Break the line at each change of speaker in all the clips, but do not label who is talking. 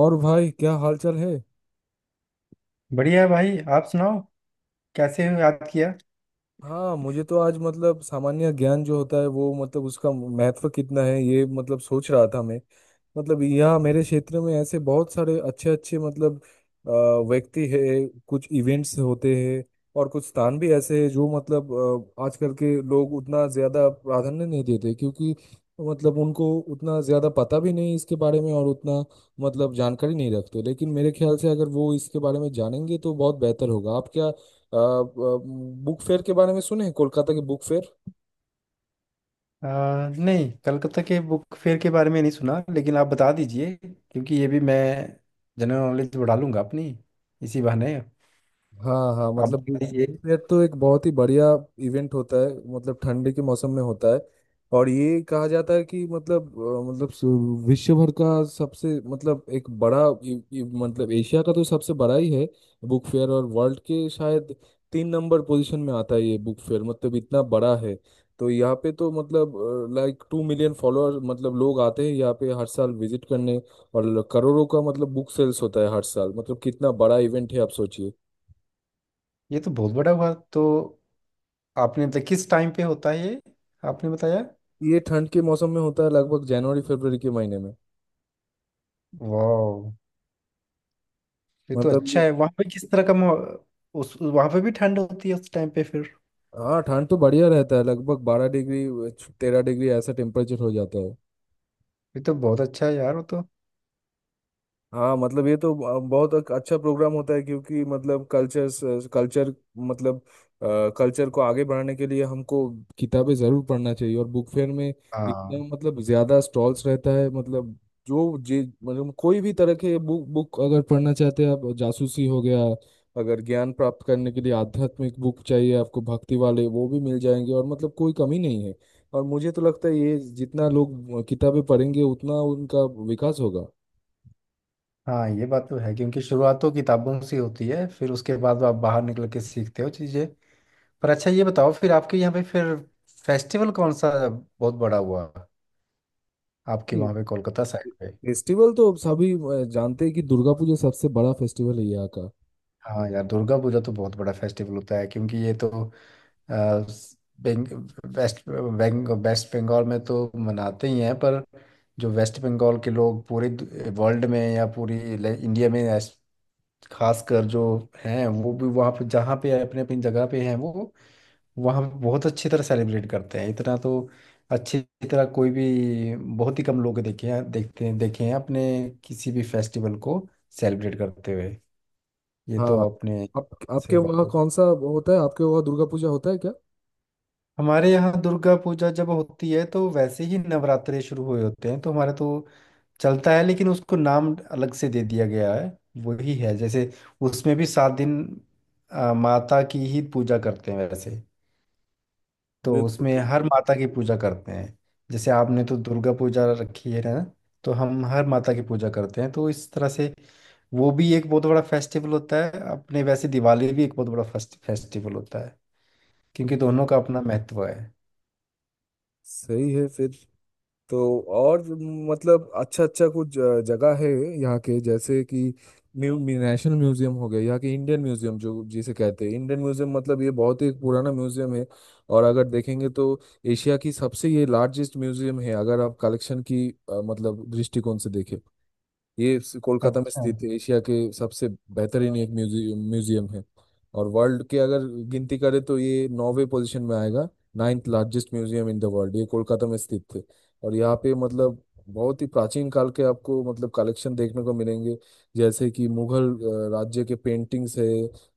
और भाई क्या हालचाल है?
बढ़िया है भाई। आप सुनाओ, कैसे हो? याद किया।
हाँ, मुझे तो आज मतलब सामान्य ज्ञान जो होता है वो मतलब उसका महत्व कितना है ये मतलब सोच रहा था मैं। मतलब यहाँ मेरे क्षेत्र में ऐसे बहुत सारे अच्छे अच्छे मतलब अ, व्यक्ति है। कुछ इवेंट्स होते हैं, और कुछ स्थान भी ऐसे हैं जो मतलब आजकल के लोग उतना ज्यादा प्राधान्य नहीं देते, क्योंकि मतलब उनको उतना ज्यादा पता भी नहीं इसके बारे में, और उतना मतलब जानकारी नहीं रखते। लेकिन मेरे ख्याल से अगर वो इसके बारे में जानेंगे तो बहुत बेहतर होगा। आप क्या बुक फेयर के बारे में सुने हैं? कोलकाता के बुक फेयर?
नहीं कलकत्ता के बुक फेयर के बारे में नहीं सुना, लेकिन आप बता दीजिए क्योंकि ये भी मैं जनरल नॉलेज बढ़ा लूंगा अपनी इसी बहाने।
हाँ हाँ,
आप
मतलब
बता दीजिए।
ये तो एक बहुत ही बढ़िया इवेंट होता है। मतलब ठंडी के मौसम में होता है, और ये कहा जाता है कि मतलब मतलब विश्व भर का सबसे मतलब एक बड़ा मतलब एशिया का तो सबसे बड़ा ही है बुक फेयर। और वर्ल्ड के शायद तीन नंबर पोजीशन में आता है ये बुक फेयर। मतलब इतना बड़ा है। तो यहाँ पे तो मतलब लाइक 2 मिलियन फॉलोअर मतलब लोग आते हैं यहाँ पे हर साल विजिट करने, और करोड़ों का मतलब बुक सेल्स होता है हर साल। मतलब कितना बड़ा इवेंट है आप सोचिए।
ये तो बहुत बड़ा हुआ। तो आपने मतलब किस टाइम पे होता है ये, आपने बताया।
ये ठंड के मौसम में होता है, लगभग जनवरी फरवरी के महीने में।
वाह, ये तो
मतलब
अच्छा
ये
है। वहाँ पे किस तरह का उस वहाँ पे भी ठंड होती है उस टाइम पे फिर?
हाँ, ठंड तो बढ़िया रहता है, लगभग 12 डिग्री 13 डिग्री ऐसा टेम्परेचर हो जाता है।
ये तो बहुत अच्छा है यार, वो तो।
हाँ मतलब ये तो बहुत एक अच्छा प्रोग्राम होता है, क्योंकि मतलब कल्चर कल्चर मतलब कल्चर को आगे बढ़ाने के लिए हमको किताबें जरूर पढ़ना चाहिए। और बुक फेयर में इतना
हाँ
मतलब ज्यादा स्टॉल्स रहता है। मतलब जो जे मतलब कोई भी तरह के बुक बुक अगर पढ़ना चाहते हैं आप, जासूसी हो गया, अगर ज्ञान प्राप्त करने के लिए आध्यात्मिक बुक चाहिए आपको, भक्ति वाले वो भी मिल जाएंगे, और मतलब कोई कमी नहीं है। और मुझे तो लगता है ये जितना लोग किताबें पढ़ेंगे उतना उनका विकास होगा।
हाँ, ये बात तो है क्योंकि शुरुआत तो किताबों से होती है, फिर उसके बाद आप बाहर निकल के सीखते हो चीजें। पर अच्छा, ये बताओ फिर आपके यहाँ पे फिर फेस्टिवल कौन सा बहुत बड़ा हुआ, आपके वहाँ पे कोलकाता साइड पे?
फेस्टिवल तो सभी जानते हैं कि दुर्गा पूजा सबसे बड़ा फेस्टिवल है यहाँ का।
हाँ यार, दुर्गा पूजा तो बहुत बड़ा फेस्टिवल होता है क्योंकि ये तो आ, स- बेंग, वेस्ट बंगाल में तो मनाते ही हैं, पर जो वेस्ट बंगाल के लोग पूरे वर्ल्ड में या पूरी इंडिया में खासकर जो हैं वो भी वहाँ पे, जहाँ पे अपने अपनी जगह पे हैं वो वहाँ पे बहुत अच्छी तरह सेलिब्रेट करते हैं। इतना तो अच्छी तरह कोई भी, बहुत ही कम लोग देखे हैं अपने किसी भी फेस्टिवल को सेलिब्रेट करते हुए, ये तो
हाँ,
आपने।
आप आपके
सही बात
वहाँ
है।
कौन सा होता है? आपके वहाँ दुर्गा पूजा होता है क्या?
हमारे यहाँ दुर्गा पूजा जब होती है तो वैसे ही नवरात्रे शुरू हुए होते हैं तो हमारे तो चलता है, लेकिन उसको नाम अलग से दे दिया गया है। वही है, जैसे उसमें भी सात दिन माता की ही पूजा करते हैं वैसे, तो
बिल्कुल
उसमें हर
बिल्कुल।
माता की पूजा करते हैं। जैसे आपने तो दुर्गा पूजा रखी है ना, तो हम हर माता की पूजा करते हैं, तो इस तरह से वो भी एक बहुत बड़ा फेस्टिवल होता है अपने। वैसे दिवाली भी एक बहुत बड़ा फेस्टिवल होता है क्योंकि दोनों का अपना महत्व है।
सही है। फिर तो, और मतलब अच्छा अच्छा कुछ जगह है यहाँ के, जैसे कि म्यू, म्यू- नेशनल म्यूजियम हो गया, यहाँ के इंडियन म्यूजियम जो जिसे कहते हैं इंडियन म्यूजियम। मतलब ये बहुत ही पुराना म्यूजियम है। और अगर देखेंगे तो एशिया की सबसे ये लार्जेस्ट म्यूजियम है, अगर आप कलेक्शन की मतलब दृष्टिकोण से देखें। ये कोलकाता में
अच्छा।
स्थित है, एशिया के सबसे बेहतरीन एक म्यूजियम म्यूजियम है। और वर्ल्ड के अगर गिनती करें तो ये नौवे पोजीशन में आएगा। Ninth largest museum in the world ये कोलकाता में स्थित है। और यहाँ पे मतलब बहुत ही प्राचीन काल के आपको मतलब कलेक्शन देखने को मिलेंगे, जैसे कि मुगल राज्य के पेंटिंग्स है।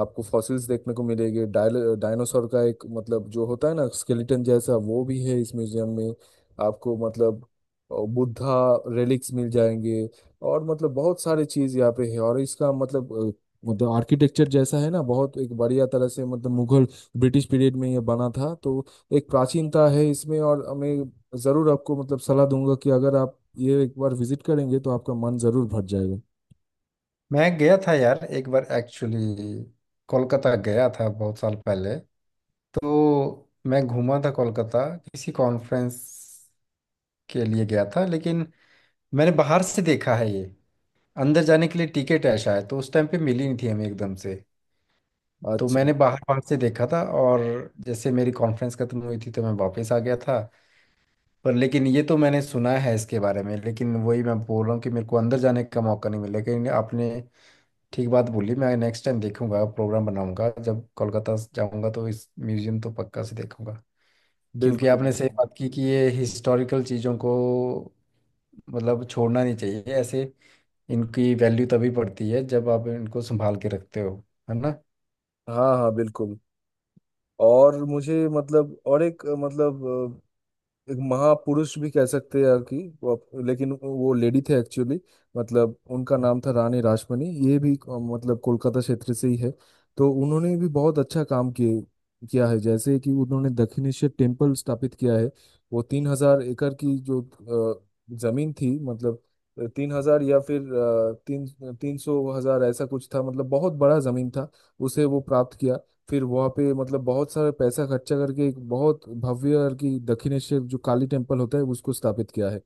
आपको फॉसिल्स देखने को मिलेंगे, डायल डायनासोर का एक मतलब जो होता है ना स्केलेटन जैसा वो भी है इस म्यूजियम में। आपको मतलब बुद्धा रेलिक्स मिल जाएंगे। और मतलब बहुत सारी चीज यहाँ पे है, और इसका मतलब मतलब आर्किटेक्चर जैसा है ना, बहुत एक बढ़िया तरह से। मतलब मुगल ब्रिटिश पीरियड में ये बना था, तो एक प्राचीनता है इसमें। और मैं जरूर आपको मतलब सलाह दूंगा कि अगर आप ये एक बार विजिट करेंगे तो आपका मन जरूर भर जाएगा।
मैं गया था यार एक बार एक्चुअली। कोलकाता गया था बहुत साल पहले, तो मैं घूमा था कोलकाता, किसी कॉन्फ्रेंस के लिए गया था, लेकिन मैंने बाहर से देखा है ये। अंदर जाने के लिए टिकट है शायद, तो उस टाइम पे मिली नहीं थी हमें एकदम से। तो
अच्छा,
मैंने बाहर बाहर से देखा था, और जैसे मेरी कॉन्फ्रेंस खत्म हुई थी तो मैं वापस आ गया था। पर लेकिन ये तो मैंने सुना है इसके बारे में, लेकिन वही मैं बोल रहा हूँ कि मेरे को अंदर जाने का मौका नहीं मिला, लेकिन आपने ठीक बात बोली। मैं नेक्स्ट टाइम देखूंगा, प्रोग्राम बनाऊंगा, जब कोलकाता जाऊंगा तो इस म्यूजियम तो पक्का से देखूंगा क्योंकि आपने
बिल्कुल,
सही बात की कि ये हिस्टोरिकल चीज़ों को मतलब छोड़ना नहीं चाहिए ऐसे। इनकी वैल्यू तभी बढ़ती है जब आप इनको संभाल के रखते हो, है ना?
हाँ हाँ बिल्कुल। और मुझे मतलब और एक मतलब एक महापुरुष भी कह सकते हैं यार, कि वो लेकिन वो लेडी थे एक्चुअली। मतलब उनका नाम था रानी रासमणी, ये भी मतलब कोलकाता क्षेत्र से ही है। तो उन्होंने भी बहुत अच्छा काम किए किया है, जैसे कि उन्होंने दक्षिणेश्वर टेम्पल स्थापित किया है। वो 3,000 एकड़ की जो अ, जमीन थी, मतलब 3,000 या फिर तीन तीन सौ हजार ऐसा कुछ था, मतलब बहुत बड़ा जमीन था, उसे वो प्राप्त किया। फिर वहाँ पे मतलब बहुत सारे पैसा खर्चा करके एक बहुत भव्य और की दक्षिणेश्वर जो काली टेम्पल होता है उसको स्थापित किया है।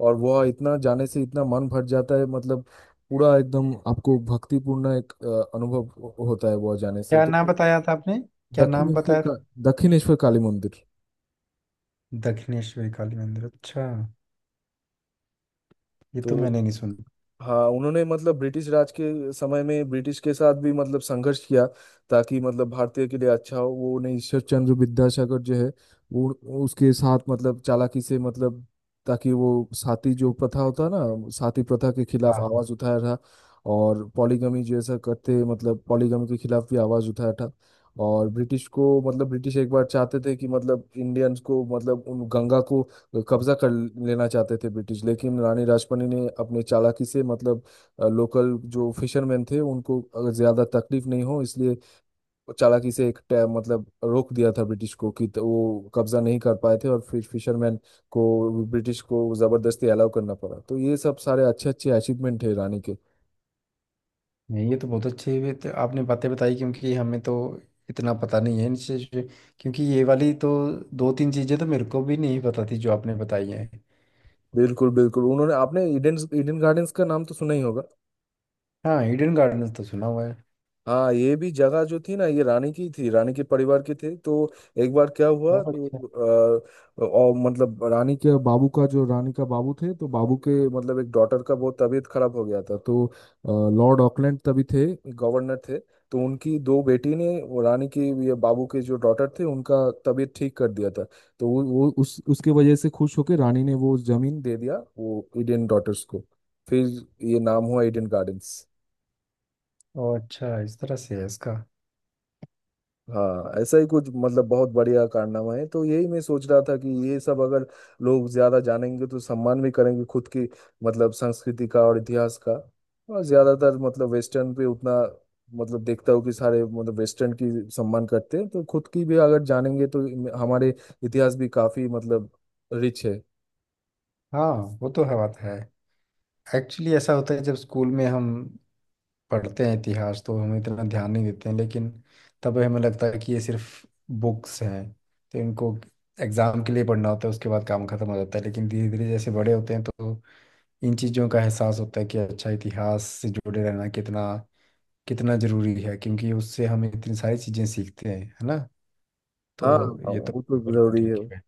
और वह इतना, जाने से इतना मन भर जाता है मतलब, पूरा एकदम आपको भक्तिपूर्ण एक अनुभव होता है वह जाने से
क्या
तो।
नाम बताया था आपने? क्या नाम
दक्षिणेश्वर
बताया
का,
था?
दक्षिणेश्वर काली मंदिर।
दक्षिणेश्वरी काली मंदिर, अच्छा। ये तो
तो
मैंने नहीं सुना।
हाँ, उन्होंने मतलब ब्रिटिश राज के समय में ब्रिटिश के साथ भी मतलब संघर्ष किया, ताकि मतलब भारतीय के लिए अच्छा हो। वो उन्हें ईश्वर चंद्र विद्यासागर जो है, वो उसके साथ मतलब चालाकी से, मतलब ताकि वो साती जो प्रथा होता है ना, साती प्रथा के
हाँ
खिलाफ
हाँ।
आवाज उठाया था। और पॉलीगमी जैसा करते, मतलब पॉलीगमी के खिलाफ भी आवाज उठाया था। और ब्रिटिश को मतलब ब्रिटिश एक बार चाहते थे कि मतलब इंडियंस को मतलब उन गंगा को लोग कब्जा कर लेना चाहते थे ब्रिटिश, लेकिन रानी राजपनी ने अपने चालाकी से मतलब लोकल जो फिशरमैन थे उनको अगर ज्यादा तकलीफ नहीं हो इसलिए वो चालाकी से एक मतलब रोक दिया था ब्रिटिश को कि वो कब्जा नहीं कर पाए थे, और फिर फिशरमैन को ब्रिटिश को जबरदस्ती अलाउ करना पड़ा। तो ये सब सारे अच्छे अच्छे अचीवमेंट है रानी के।
नहीं, ये तो बहुत अच्छी, ये तो आपने बातें बताई क्योंकि हमें तो इतना पता नहीं है इन चीज़ पे। क्योंकि ये वाली तो दो तीन चीज़ें तो मेरे को भी नहीं पता थी, जो आपने बताई हैं।
बिल्कुल बिल्कुल। उन्होंने आपने ईडन ईडन गार्डन्स का नाम तो सुना ही होगा।
हाँ, हिडन गार्डन तो सुना हुआ है।
हाँ, ये भी जगह जो थी ना, ये रानी की थी, रानी के परिवार के थे तो, एक बार क्या हुआ
ओह अच्छा।
तो आ, और मतलब रानी के बाबू का, जो रानी का बाबू थे तो बाबू के मतलब एक डॉटर का बहुत तबीयत खराब हो गया था तो लॉर्ड ऑकलैंड तभी थे, गवर्नर थे। तो उनकी दो बेटी ने वो रानी की ये बाबू के जो डॉटर थे उनका तबीयत ठीक कर दिया था। तो वो उस उसके वजह से खुश होकर रानी ने वो जमीन दे दिया, वो ईडन डॉटर्स को। फिर ये नाम हुआ ईडन गार्डन्स।
ओह अच्छा, इस तरह से है इसका।
हाँ, ऐसा ही कुछ, मतलब बहुत बढ़िया कारनामा है। तो यही मैं सोच रहा था कि ये सब अगर लोग ज्यादा जानेंगे तो सम्मान भी करेंगे खुद की मतलब संस्कृति का और इतिहास का। और ज्यादातर मतलब वेस्टर्न पे उतना मतलब देखता हूँ कि सारे मतलब वेस्टर्न की सम्मान करते हैं, तो खुद की भी अगर जानेंगे तो हमारे इतिहास भी काफी मतलब रिच है।
हाँ, वो तो है बात है। एक्चुअली ऐसा होता है, जब स्कूल में हम पढ़ते हैं इतिहास तो हम इतना ध्यान नहीं देते हैं, लेकिन तब हमें लगता है कि ये सिर्फ बुक्स हैं तो इनको एग्जाम के लिए पढ़ना होता है, उसके बाद काम खत्म हो जाता है। लेकिन धीरे धीरे जैसे बड़े होते हैं तो इन चीज़ों का एहसास होता है कि अच्छा, इतिहास से जुड़े रहना कितना कितना जरूरी है क्योंकि उससे हम इतनी सारी चीज़ें सीखते हैं, है ना? तो
हाँ हाँ,
ये तो
वो तो
बिल्कुल
जरूरी है।
ठीक है।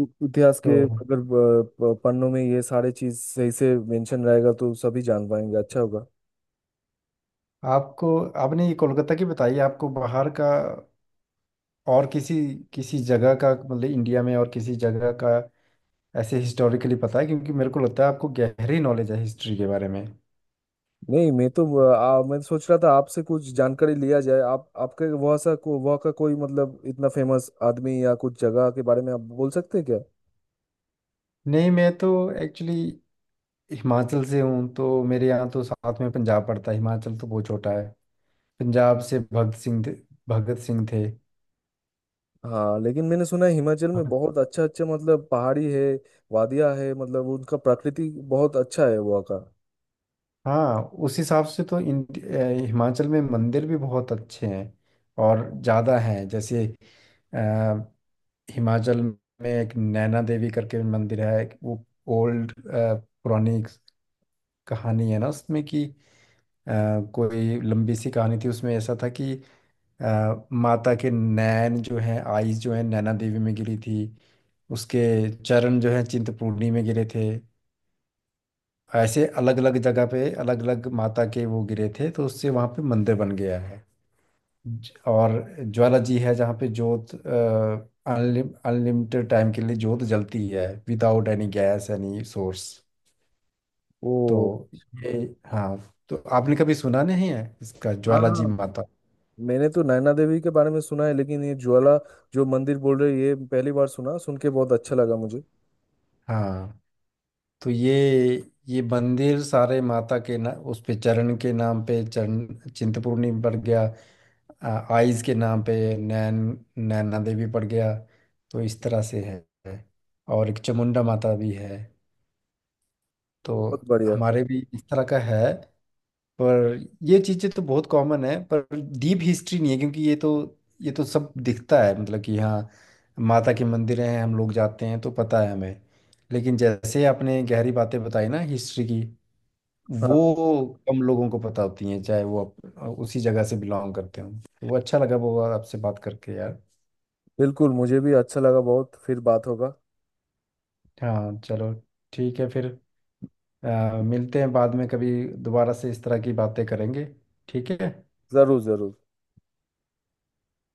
इतिहास के
तो
अगर पन्नों में ये सारे चीज सही से मेंशन रहेगा तो सभी जान पाएंगे, अच्छा होगा।
आपको आपने ये कोलकाता की बताई, आपको बाहर का और किसी किसी जगह का मतलब इंडिया में और किसी जगह का ऐसे हिस्टोरिकली पता है क्योंकि मेरे को लगता है आपको गहरी नॉलेज है हिस्ट्री के बारे में?
नहीं, मैं तो मैं तो सोच रहा था आपसे कुछ जानकारी लिया जाए। आप आपके वहाँ वहाँ का कोई मतलब इतना फेमस आदमी या कुछ जगह के बारे में आप बोल सकते हैं क्या?
नहीं, मैं तो एक्चुअली हिमाचल से हूँ, तो मेरे यहाँ तो साथ में पंजाब पड़ता है, हिमाचल तो बहुत छोटा है। पंजाब से भगत सिंह थे। भगत सिंह थे।
हाँ, लेकिन मैंने सुना है हिमाचल में
भगत-
बहुत अच्छा अच्छा मतलब पहाड़ी है, वादियाँ है, मतलब उनका प्रकृति बहुत अच्छा है वहाँ का।
हाँ, उस हिसाब से तो हिमाचल में मंदिर भी बहुत अच्छे हैं और ज़्यादा हैं। जैसे अ, हिमाचल में एक नैना देवी करके मंदिर है, वो ओल्ड पुरानी एक कहानी है ना उसमें, कि अ, कोई लंबी सी कहानी थी, उसमें ऐसा था कि माता के नैन जो हैं, आईज जो हैं, नैना देवी में गिरी थी, उसके चरण जो हैं चिंतपूर्णी में गिरे थे। ऐसे अलग अलग जगह पे अलग अलग माता के वो गिरे थे तो उससे वहाँ पे मंदिर बन गया है। और ज्वाला जी है, जहाँ पे जोत अनलिमिटेड टाइम के लिए जोत जलती है without any gas any source.
वो
तो ये, हाँ, तो आपने कभी सुना नहीं है इसका,
हाँ
ज्वाला
हाँ।
जी माता?
मैंने तो नैना देवी के बारे में सुना है, लेकिन ये ज्वाला जो मंदिर बोल रहे हैं, ये पहली बार सुना, सुन के बहुत अच्छा लगा मुझे।
हाँ, तो ये मंदिर सारे माता के ना, उस पे चरण के नाम पे चरण चिंतपूर्णी पड़ गया। आ, आइज के नाम पे नैना देवी पड़ गया, तो इस तरह से है। और एक चामुंडा माता भी है,
बहुत
तो
बढ़िया।
हमारे भी इस तरह का है। पर ये चीज़ें तो बहुत कॉमन है, पर डीप हिस्ट्री नहीं है क्योंकि ये तो सब दिखता है, मतलब कि हाँ, माता के मंदिर हैं, हम लोग जाते हैं तो पता है हमें, लेकिन जैसे आपने गहरी बातें बताई ना हिस्ट्री की,
हाँ
वो कम लोगों को पता होती हैं, चाहे वो आप उसी जगह से बिलोंग करते हों, तो वो अच्छा लगा वो आपसे बात करके यार।
बिल्कुल, मुझे भी अच्छा लगा बहुत। फिर बात होगा।
हाँ चलो, ठीक है फिर। मिलते हैं बाद में कभी, दोबारा से इस तरह की बातें करेंगे, ठीक है?
जरूर जरूर।